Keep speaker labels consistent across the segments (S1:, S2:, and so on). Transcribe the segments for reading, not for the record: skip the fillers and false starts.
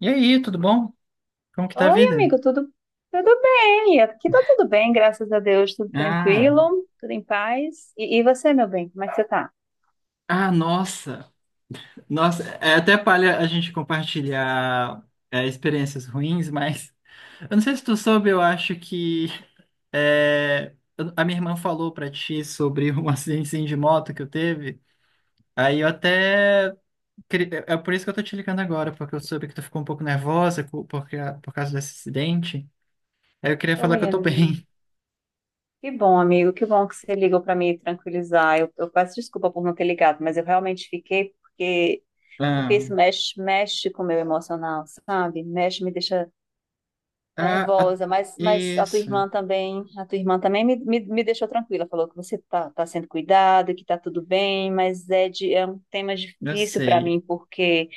S1: E aí, tudo bom? Como que tá a
S2: Oi,
S1: vida?
S2: amigo, tudo bem? Aqui tá tudo bem, graças a Deus, tudo
S1: Ah,
S2: tranquilo, tudo em paz. E você, meu bem, como é que você tá?
S1: ah, nossa, é até palha a gente compartilhar experiências ruins, mas eu não sei se tu soube, eu acho que a minha irmã falou pra ti sobre um acidente assim, de moto que eu teve. Aí eu até é por isso que eu tô te ligando agora, porque eu soube que tu ficou um pouco nervosa por causa desse acidente. Aí eu queria falar que
S2: Oi,
S1: eu tô
S2: amigo.
S1: bem.
S2: Que bom, amigo, que bom que você ligou para me tranquilizar. Eu peço desculpa por não ter ligado, mas eu realmente fiquei porque
S1: Ah,
S2: isso mexe, mexe com o meu emocional, sabe? Mexe, me deixa
S1: ah, ah,
S2: nervosa, mas a tua
S1: isso,
S2: irmã também, a tua irmã também me deixou tranquila, falou que você tá sendo cuidado, que tá tudo bem, mas é um tema
S1: eu
S2: difícil para
S1: sei.
S2: mim, porque,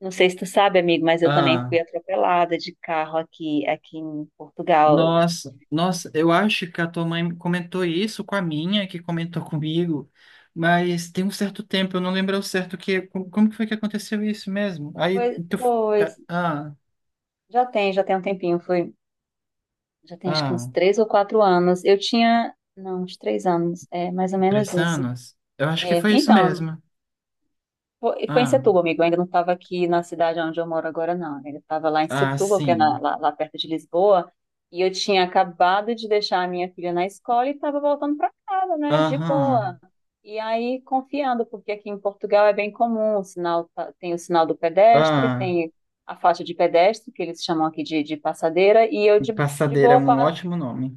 S2: não sei se tu sabe, amigo, mas eu também
S1: Ah.
S2: fui atropelada de carro aqui, aqui em Portugal.
S1: Nossa, eu acho que a tua mãe comentou isso com a minha, que comentou comigo, mas tem um certo tempo, eu não lembro ao certo que, como que foi que aconteceu isso mesmo? Aí,
S2: Pois,
S1: tu,
S2: pois,
S1: ah,
S2: já tem um tempinho, já tem acho que uns
S1: ah,
S2: 3 ou 4 anos, eu tinha, não, uns 3 anos, é mais ou menos
S1: três
S2: isso.
S1: anos? Eu acho que
S2: É,
S1: foi isso
S2: então,
S1: mesmo.
S2: foi em
S1: Ah,
S2: Setúbal, amigo. Eu ainda não estava aqui na cidade onde eu moro agora, não. Eu ainda estava lá em
S1: ah,
S2: Setúbal, que é
S1: sim.
S2: lá, lá perto de Lisboa. E eu tinha acabado de deixar a minha filha na escola e estava voltando para casa, né? De boa.
S1: Aham,
S2: E aí, confiando, porque aqui em Portugal é bem comum, o sinal, tem o sinal do pedestre,
S1: ah,
S2: tem a faixa de pedestre, que eles chamam aqui de passadeira, e eu de
S1: passadeira é
S2: boa
S1: um
S2: passo.
S1: ótimo nome.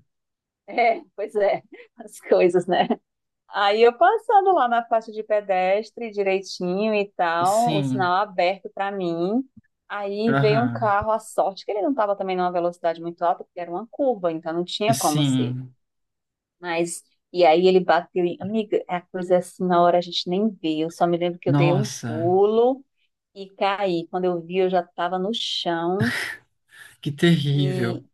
S2: É, pois é, as coisas, né? Aí eu passando lá na faixa de pedestre direitinho e tal, o
S1: Sim,
S2: sinal aberto pra mim. Aí veio um
S1: aham,
S2: carro, a sorte que ele não estava também numa velocidade muito alta, porque era uma curva, então não tinha como ser.
S1: sim.
S2: Mas e aí ele bateu, amiga, é a coisa é assim, na hora a gente nem vê. Eu só me lembro que eu dei um
S1: Nossa,
S2: pulo e caí. Quando eu vi, eu já estava no chão
S1: que
S2: e
S1: terrível.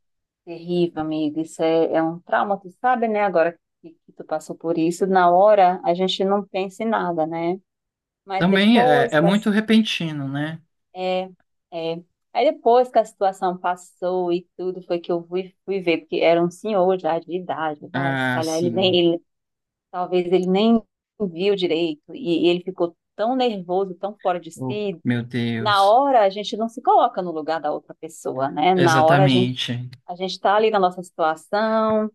S2: terrível, amiga. Isso é, é um trauma, tu sabe, né? Agora que tu passou por isso, na hora a gente não pensa em nada, né? Mas
S1: Também
S2: depois
S1: é
S2: que a,
S1: muito repentino, né?
S2: é, é. Aí depois que a situação passou e tudo, foi que eu fui ver, porque era um senhor já de idade, vai, se
S1: Ah,
S2: calhar ele
S1: sim.
S2: nem, ele, talvez ele nem viu direito, e ele ficou tão nervoso, tão fora de
S1: Oh,
S2: si.
S1: meu
S2: Na
S1: Deus.
S2: hora a gente não se coloca no lugar da outra pessoa, né? Na hora a gente
S1: Exatamente.
S2: a gente está ali na nossa situação,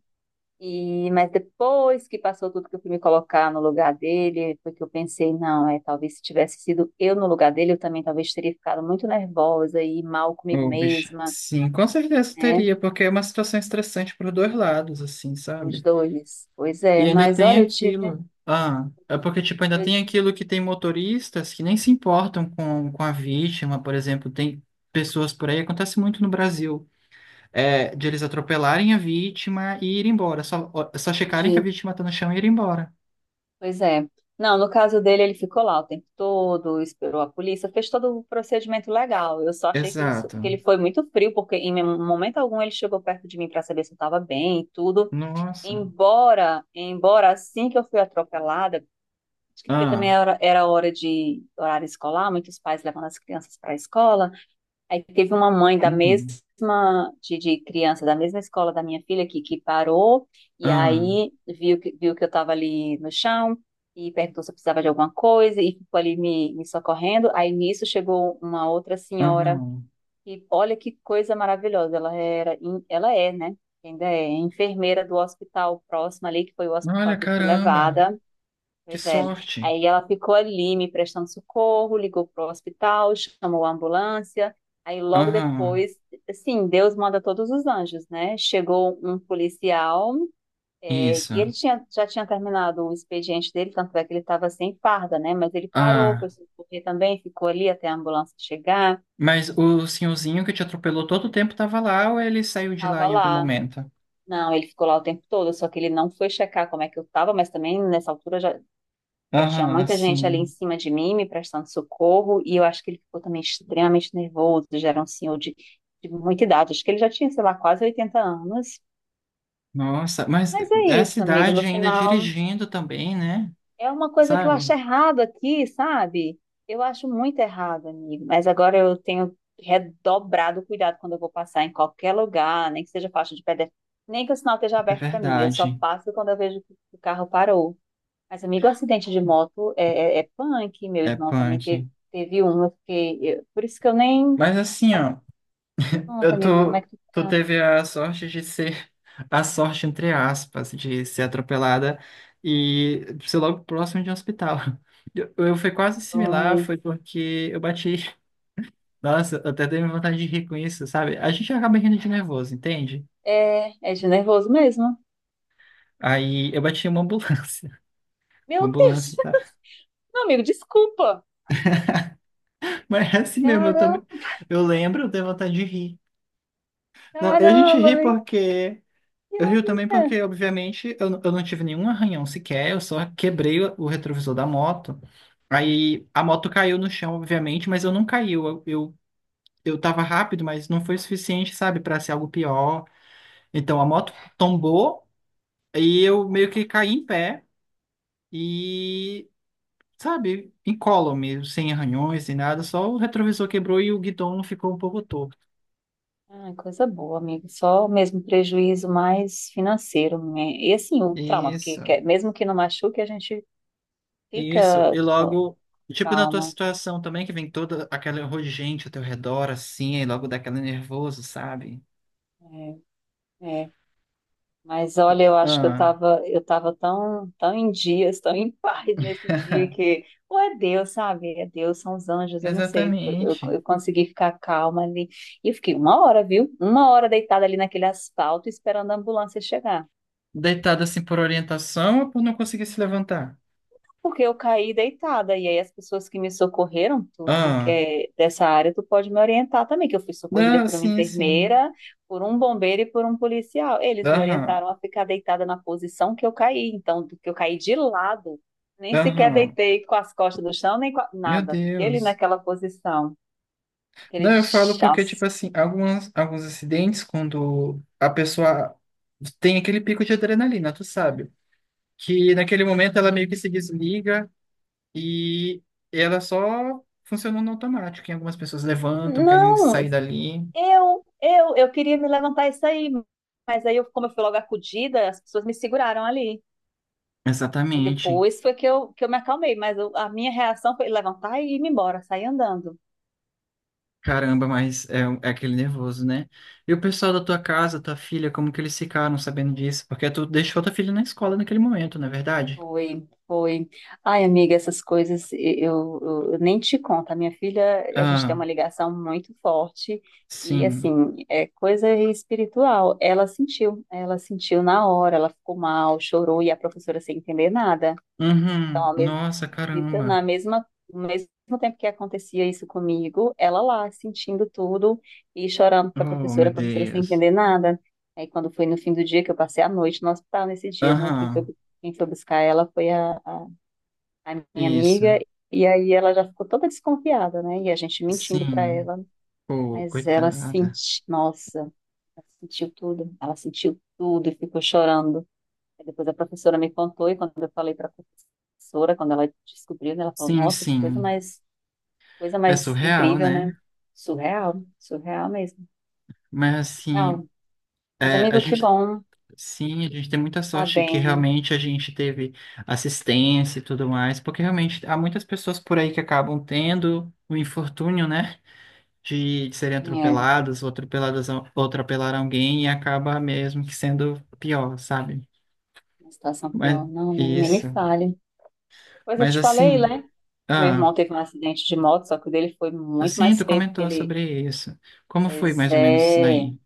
S2: e, mas depois que passou tudo que eu fui me colocar no lugar dele, foi que eu pensei, não, é, talvez se tivesse sido eu no lugar dele, eu também talvez teria ficado muito nervosa e mal comigo
S1: Oh, bicho.
S2: mesma,
S1: Sim, com certeza
S2: né?
S1: teria, porque é uma situação estressante para os dois lados, assim,
S2: Os
S1: sabe?
S2: dois. Pois
S1: E
S2: é,
S1: ainda
S2: mas
S1: tem
S2: olha,
S1: aquilo. Ah, é porque, tipo, ainda
S2: eu
S1: tem aquilo que tem motoristas que nem se importam com a vítima, por exemplo, tem pessoas por aí, acontece muito no Brasil, é, de eles atropelarem a vítima e ir embora, só checarem que a
S2: fugi.
S1: vítima está no chão e ir embora.
S2: Pois é. Não, no caso dele, ele ficou lá o tempo todo, esperou a polícia, fez todo o procedimento legal. Eu só achei que que
S1: Exato.
S2: ele foi muito frio, porque em momento algum ele chegou perto de mim para saber se eu estava bem e tudo.
S1: Nossa.
S2: Embora assim que eu fui atropelada, acho que porque também
S1: Ah,
S2: era hora de horário escolar, muitos pais levando as crianças para a escola. Aí teve uma mãe da
S1: uhum,
S2: mesma, de criança da mesma escola da minha filha que parou, e
S1: ah,
S2: aí viu que eu estava ali no chão e perguntou se eu precisava de alguma coisa e ficou ali me socorrendo. Aí nisso chegou uma outra senhora
S1: aham.
S2: e olha que coisa maravilhosa, ela é, né? Ainda é enfermeira do hospital próximo ali, que foi o hospital
S1: Olha,
S2: que eu fui
S1: caramba,
S2: levada.
S1: que
S2: Pois é.
S1: sorte.
S2: Aí ela ficou ali me prestando socorro, ligou pro hospital, chamou a ambulância. Aí logo
S1: Aham,
S2: depois, assim, Deus manda todos os anjos, né? Chegou um policial, é,
S1: isso.
S2: e já tinha terminado o expediente dele, tanto é que ele estava sem farda, né? Mas ele parou, foi
S1: Ah,
S2: socorrer também, ficou ali até a ambulância chegar.
S1: mas o senhorzinho que te atropelou todo o tempo tava lá ou ele saiu de lá
S2: Estava
S1: em algum
S2: lá.
S1: momento?
S2: Não, ele ficou lá o tempo todo, só que ele não foi checar como é que eu tava, mas também nessa altura já tinha
S1: Aham,
S2: muita gente ali em
S1: sim.
S2: cima de mim me prestando socorro, e eu acho que ele ficou também extremamente nervoso, já era um senhor de muita idade, acho que ele já tinha, sei lá, quase 80 anos.
S1: Nossa, mas
S2: Mas é
S1: é a
S2: isso, amigo,
S1: cidade
S2: no
S1: ainda
S2: final
S1: dirigindo também, né?
S2: é uma coisa que eu
S1: Sabe?
S2: acho errado aqui, sabe? Eu acho muito errado, amigo. Mas agora eu tenho redobrado o cuidado quando eu vou passar em qualquer lugar, nem que seja faixa de pedestre, nem que o sinal esteja
S1: É
S2: aberto para mim. Eu só
S1: verdade.
S2: passo quando eu vejo que o carro parou. Mas, amigo, o acidente de moto é, é punk. Meu
S1: É
S2: irmão também
S1: punk.
S2: teve um. Por isso que eu nem.
S1: Mas assim,
S2: Mas
S1: ó,
S2: pronto,
S1: eu
S2: amigo, como é que
S1: tô,
S2: tu
S1: tu
S2: tá?
S1: teve a sorte de ser a sorte, entre aspas, de ser atropelada e ser logo próximo de um hospital. Eu fui quase
S2: Foi.
S1: similar, foi porque eu bati. Nossa, eu até dei vontade de rir com isso, sabe? A gente acaba rindo de nervoso, entende?
S2: É, é de nervoso mesmo.
S1: Aí eu bati em uma ambulância. Uma
S2: Meu Deus!
S1: ambulância, tá?
S2: Não, amigo, desculpa.
S1: Mas é assim mesmo, eu
S2: Caramba!
S1: também. Eu lembro, eu dei vontade de rir. Não, a gente
S2: Caramba,
S1: ri
S2: velho,
S1: porque.
S2: que
S1: Eu rio também
S2: ironia.
S1: porque, obviamente, eu não tive nenhum arranhão sequer, eu só quebrei o retrovisor da moto. Aí a moto caiu no chão, obviamente, mas eu não caiu. Eu tava rápido, mas não foi suficiente, sabe, para ser algo pior. Então a moto tombou e eu meio que caí em pé e, sabe, incólume, sem arranhões, sem nada, só o retrovisor quebrou e o guidão ficou um pouco torto.
S2: Ah, coisa boa, amigo. Só o mesmo prejuízo mais financeiro, né? E assim, o trauma,
S1: Isso.
S2: mesmo que não machuque, a gente
S1: Isso, e
S2: fica com
S1: logo, tipo na tua
S2: trauma.
S1: situação também, que vem toda aquela horror de gente ao teu redor, assim, e logo dá aquele nervoso, sabe?
S2: É, é. Mas olha, eu acho que eu
S1: Ah,
S2: tava, eu tava tão, tão em dias, tão em paz nesse dia que, ou é Deus, sabe? É Deus, são os anjos, eu não sei. Eu, eu,
S1: exatamente.
S2: eu consegui ficar calma ali. E eu fiquei uma hora, viu? Uma hora deitada ali naquele asfalto esperando a ambulância chegar.
S1: Deitado assim por orientação ou por não conseguir se levantar?
S2: Porque eu caí deitada, e aí as pessoas que me socorreram, tu que
S1: Ah,
S2: é dessa área, tu pode me orientar também, que eu fui socorrida
S1: não,
S2: por uma
S1: sim, sim.
S2: enfermeira, por um bombeiro e por um policial. Eles me
S1: Aham,
S2: orientaram a ficar deitada na posição que eu caí, então, do que eu caí de lado, nem sequer
S1: aham.
S2: deitei com as costas no chão, nem com
S1: Meu
S2: nada, fiquei ali
S1: Deus.
S2: naquela posição, aquele
S1: Não, eu falo porque,
S2: chás.
S1: tipo assim, alguns acidentes, quando a pessoa tem aquele pico de adrenalina, tu sabe? Que naquele momento ela meio que se desliga. E ela só funcionou no automático. E algumas pessoas levantam, querem
S2: Não,
S1: sair dali.
S2: eu queria me levantar isso aí, mas aí, eu, como eu fui logo acudida, as pessoas me seguraram ali. Aí
S1: Exatamente.
S2: depois foi que eu me acalmei, mas a minha reação foi levantar e ir me embora, sair andando.
S1: Caramba, mas é aquele nervoso, né? E o pessoal da tua casa, tua filha, como que eles ficaram sabendo disso? Porque tu deixou tua filha na escola naquele momento, não é verdade?
S2: Foi. Ai, amiga, essas coisas, eu nem te conto. A minha filha, a gente tem
S1: Ah,
S2: uma ligação muito forte e,
S1: sim.
S2: assim, é coisa espiritual. Ela sentiu na hora, ela ficou mal, chorou e a professora sem entender nada. Então,
S1: Uhum.
S2: ao mesmo,
S1: Nossa,
S2: acredita,
S1: caramba.
S2: na mesma, no mesmo tempo que acontecia isso comigo, ela lá sentindo tudo e chorando para
S1: Oh, meu
S2: a professora sem
S1: Deus.
S2: entender nada. Aí, quando foi no fim do dia, que eu passei a noite no hospital nesse dia, né? Quem foi,
S1: Aham,
S2: quem foi buscar ela foi a minha
S1: isso.
S2: amiga. E aí ela já ficou toda desconfiada, né? E a gente mentindo para
S1: Sim.
S2: ela.
S1: Pô,
S2: Mas ela
S1: coitada.
S2: sentiu, nossa, ela sentiu tudo. Ela sentiu tudo e ficou chorando. Aí depois a professora me contou e quando eu falei para a professora, quando ela descobriu, né, ela falou:
S1: Sim,
S2: "Nossa, que coisa
S1: sim.
S2: mais, coisa
S1: É
S2: mais
S1: surreal,
S2: incrível,
S1: né?
S2: né? Surreal, surreal mesmo.
S1: Mas assim,
S2: Real. Mas
S1: é, a
S2: amigo, que
S1: gente.
S2: bom,
S1: Sim, a gente tem muita
S2: tá
S1: sorte que
S2: bem.
S1: realmente a gente teve assistência e tudo mais, porque realmente há muitas pessoas por aí que acabam tendo o infortúnio, né, de serem
S2: É,
S1: atropeladas, ou atropeladas, ou atropelar alguém e acaba mesmo que sendo pior, sabe?
S2: uma situação
S1: Mas
S2: pior, não, nem me
S1: isso.
S2: fale. Pois eu
S1: Mas
S2: te falei,
S1: assim,
S2: né? Meu
S1: ah,
S2: irmão teve um acidente de moto, só que o dele foi muito
S1: assim,
S2: mais
S1: tu
S2: feio porque
S1: comentou
S2: ele,
S1: sobre isso. Como foi
S2: pois
S1: mais ou menos isso
S2: é,
S1: daí?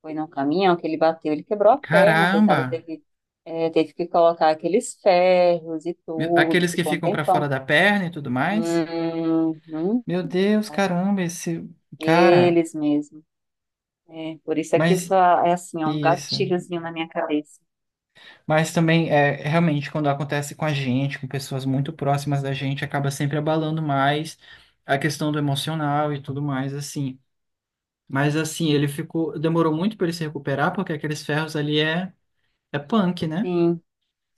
S2: foi num caminhão que ele bateu, ele quebrou a perna, coitado,
S1: Caramba!
S2: teve que colocar aqueles ferros e
S1: Meu-
S2: tudo,
S1: aqueles que
S2: ficou um
S1: ficam pra
S2: tempão.
S1: fora da perna e tudo mais?
S2: Uhum,
S1: Meu Deus, caramba, esse. Cara,
S2: aqueles mesmo. É, por isso é que isso
S1: mas
S2: é assim, é um
S1: isso.
S2: gatilhozinho na minha cabeça.
S1: Mas também é realmente quando acontece com a gente, com pessoas muito próximas da gente, acaba sempre abalando mais a questão do emocional e tudo mais assim. Mas assim, ele ficou, demorou muito para ele se recuperar, porque aqueles ferros ali é punk, né?
S2: Sim,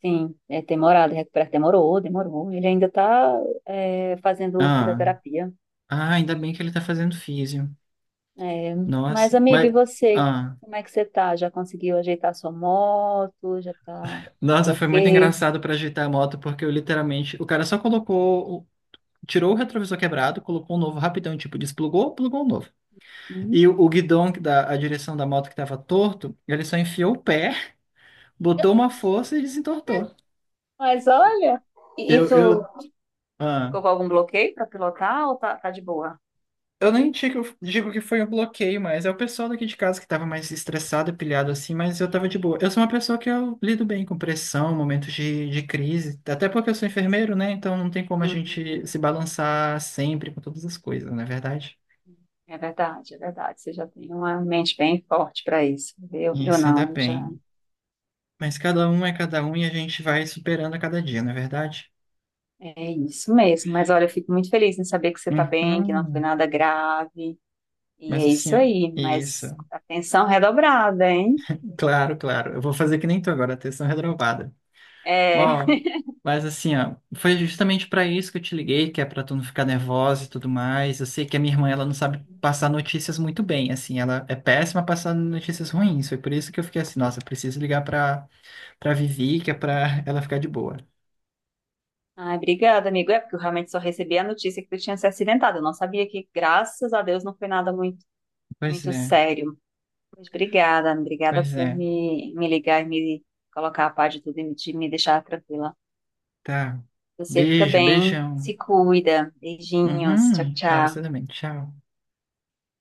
S2: sim, é demorado, é recuperar demorou, demorou. Ele ainda está fazendo
S1: Ah,
S2: fisioterapia.
S1: ah, ainda bem que ele tá fazendo físio.
S2: É, mas,
S1: Nossa,
S2: amigo,
S1: mas
S2: e você?
S1: ah,
S2: Como é que você tá? Já conseguiu ajeitar sua moto? Já tá tudo
S1: nossa, foi muito
S2: ok?
S1: engraçado para ajeitar a moto, porque eu literalmente, o cara só colocou, tirou o retrovisor quebrado, colocou um novo rapidão, tipo, desplugou, plugou o novo.
S2: Uhum.
S1: E o guidão, a direção da moto que estava torto, ele só enfiou o pé, botou uma força e desentortou.
S2: Mas olha, e
S1: Eu,
S2: tu
S1: eu, ah,
S2: ficou com algum bloqueio para pilotar ou tá de boa?
S1: eu nem digo, digo que foi um bloqueio, mas é o pessoal daqui de casa que estava mais estressado, pilhado assim, mas eu estava de boa. Eu sou uma pessoa que eu lido bem com pressão, momentos de crise, até porque eu sou enfermeiro, né? Então não tem como a gente
S2: Uhum.
S1: se balançar sempre com todas as coisas, não é verdade?
S2: É verdade, é verdade. Você já tem uma mente bem forte para isso. Eu
S1: Isso, ainda
S2: não, eu já.
S1: bem. Mas cada um é cada um e a gente vai superando a cada dia, não é verdade?
S2: É isso mesmo. Mas olha, eu fico muito feliz em saber que você está bem, que não foi
S1: Uhum.
S2: nada grave. E
S1: Mas
S2: é
S1: assim,
S2: isso
S1: ó,
S2: aí.
S1: isso.
S2: Mas atenção redobrada, hein?
S1: Claro, claro. Eu vou fazer que nem tu agora, atenção redobrada.
S2: É.
S1: Ó, mas assim, ó, foi justamente pra isso que eu te liguei, que é pra tu não ficar nervosa e tudo mais. Eu sei que a minha irmã, ela não sabe passar notícias muito bem, assim, ela é péssima passando notícias ruins. Foi por isso que eu fiquei assim, nossa, eu preciso ligar pra, pra Vivi, que é pra ela ficar de boa.
S2: Ai, obrigada, amigo. É porque eu realmente só recebi a notícia que tu tinha se acidentado. Eu não sabia que, graças a Deus, não foi nada muito,
S1: Pois
S2: muito
S1: é,
S2: sério. Mas obrigada, obrigada
S1: pois
S2: por
S1: é.
S2: me ligar e me colocar a par de tudo e de me deixar tranquila.
S1: Tá.
S2: Você fica
S1: Beijo,
S2: bem,
S1: beijão.
S2: se cuida. Beijinhos, tchau,
S1: Uhum. Tá, você
S2: tchau.
S1: também. Tchau.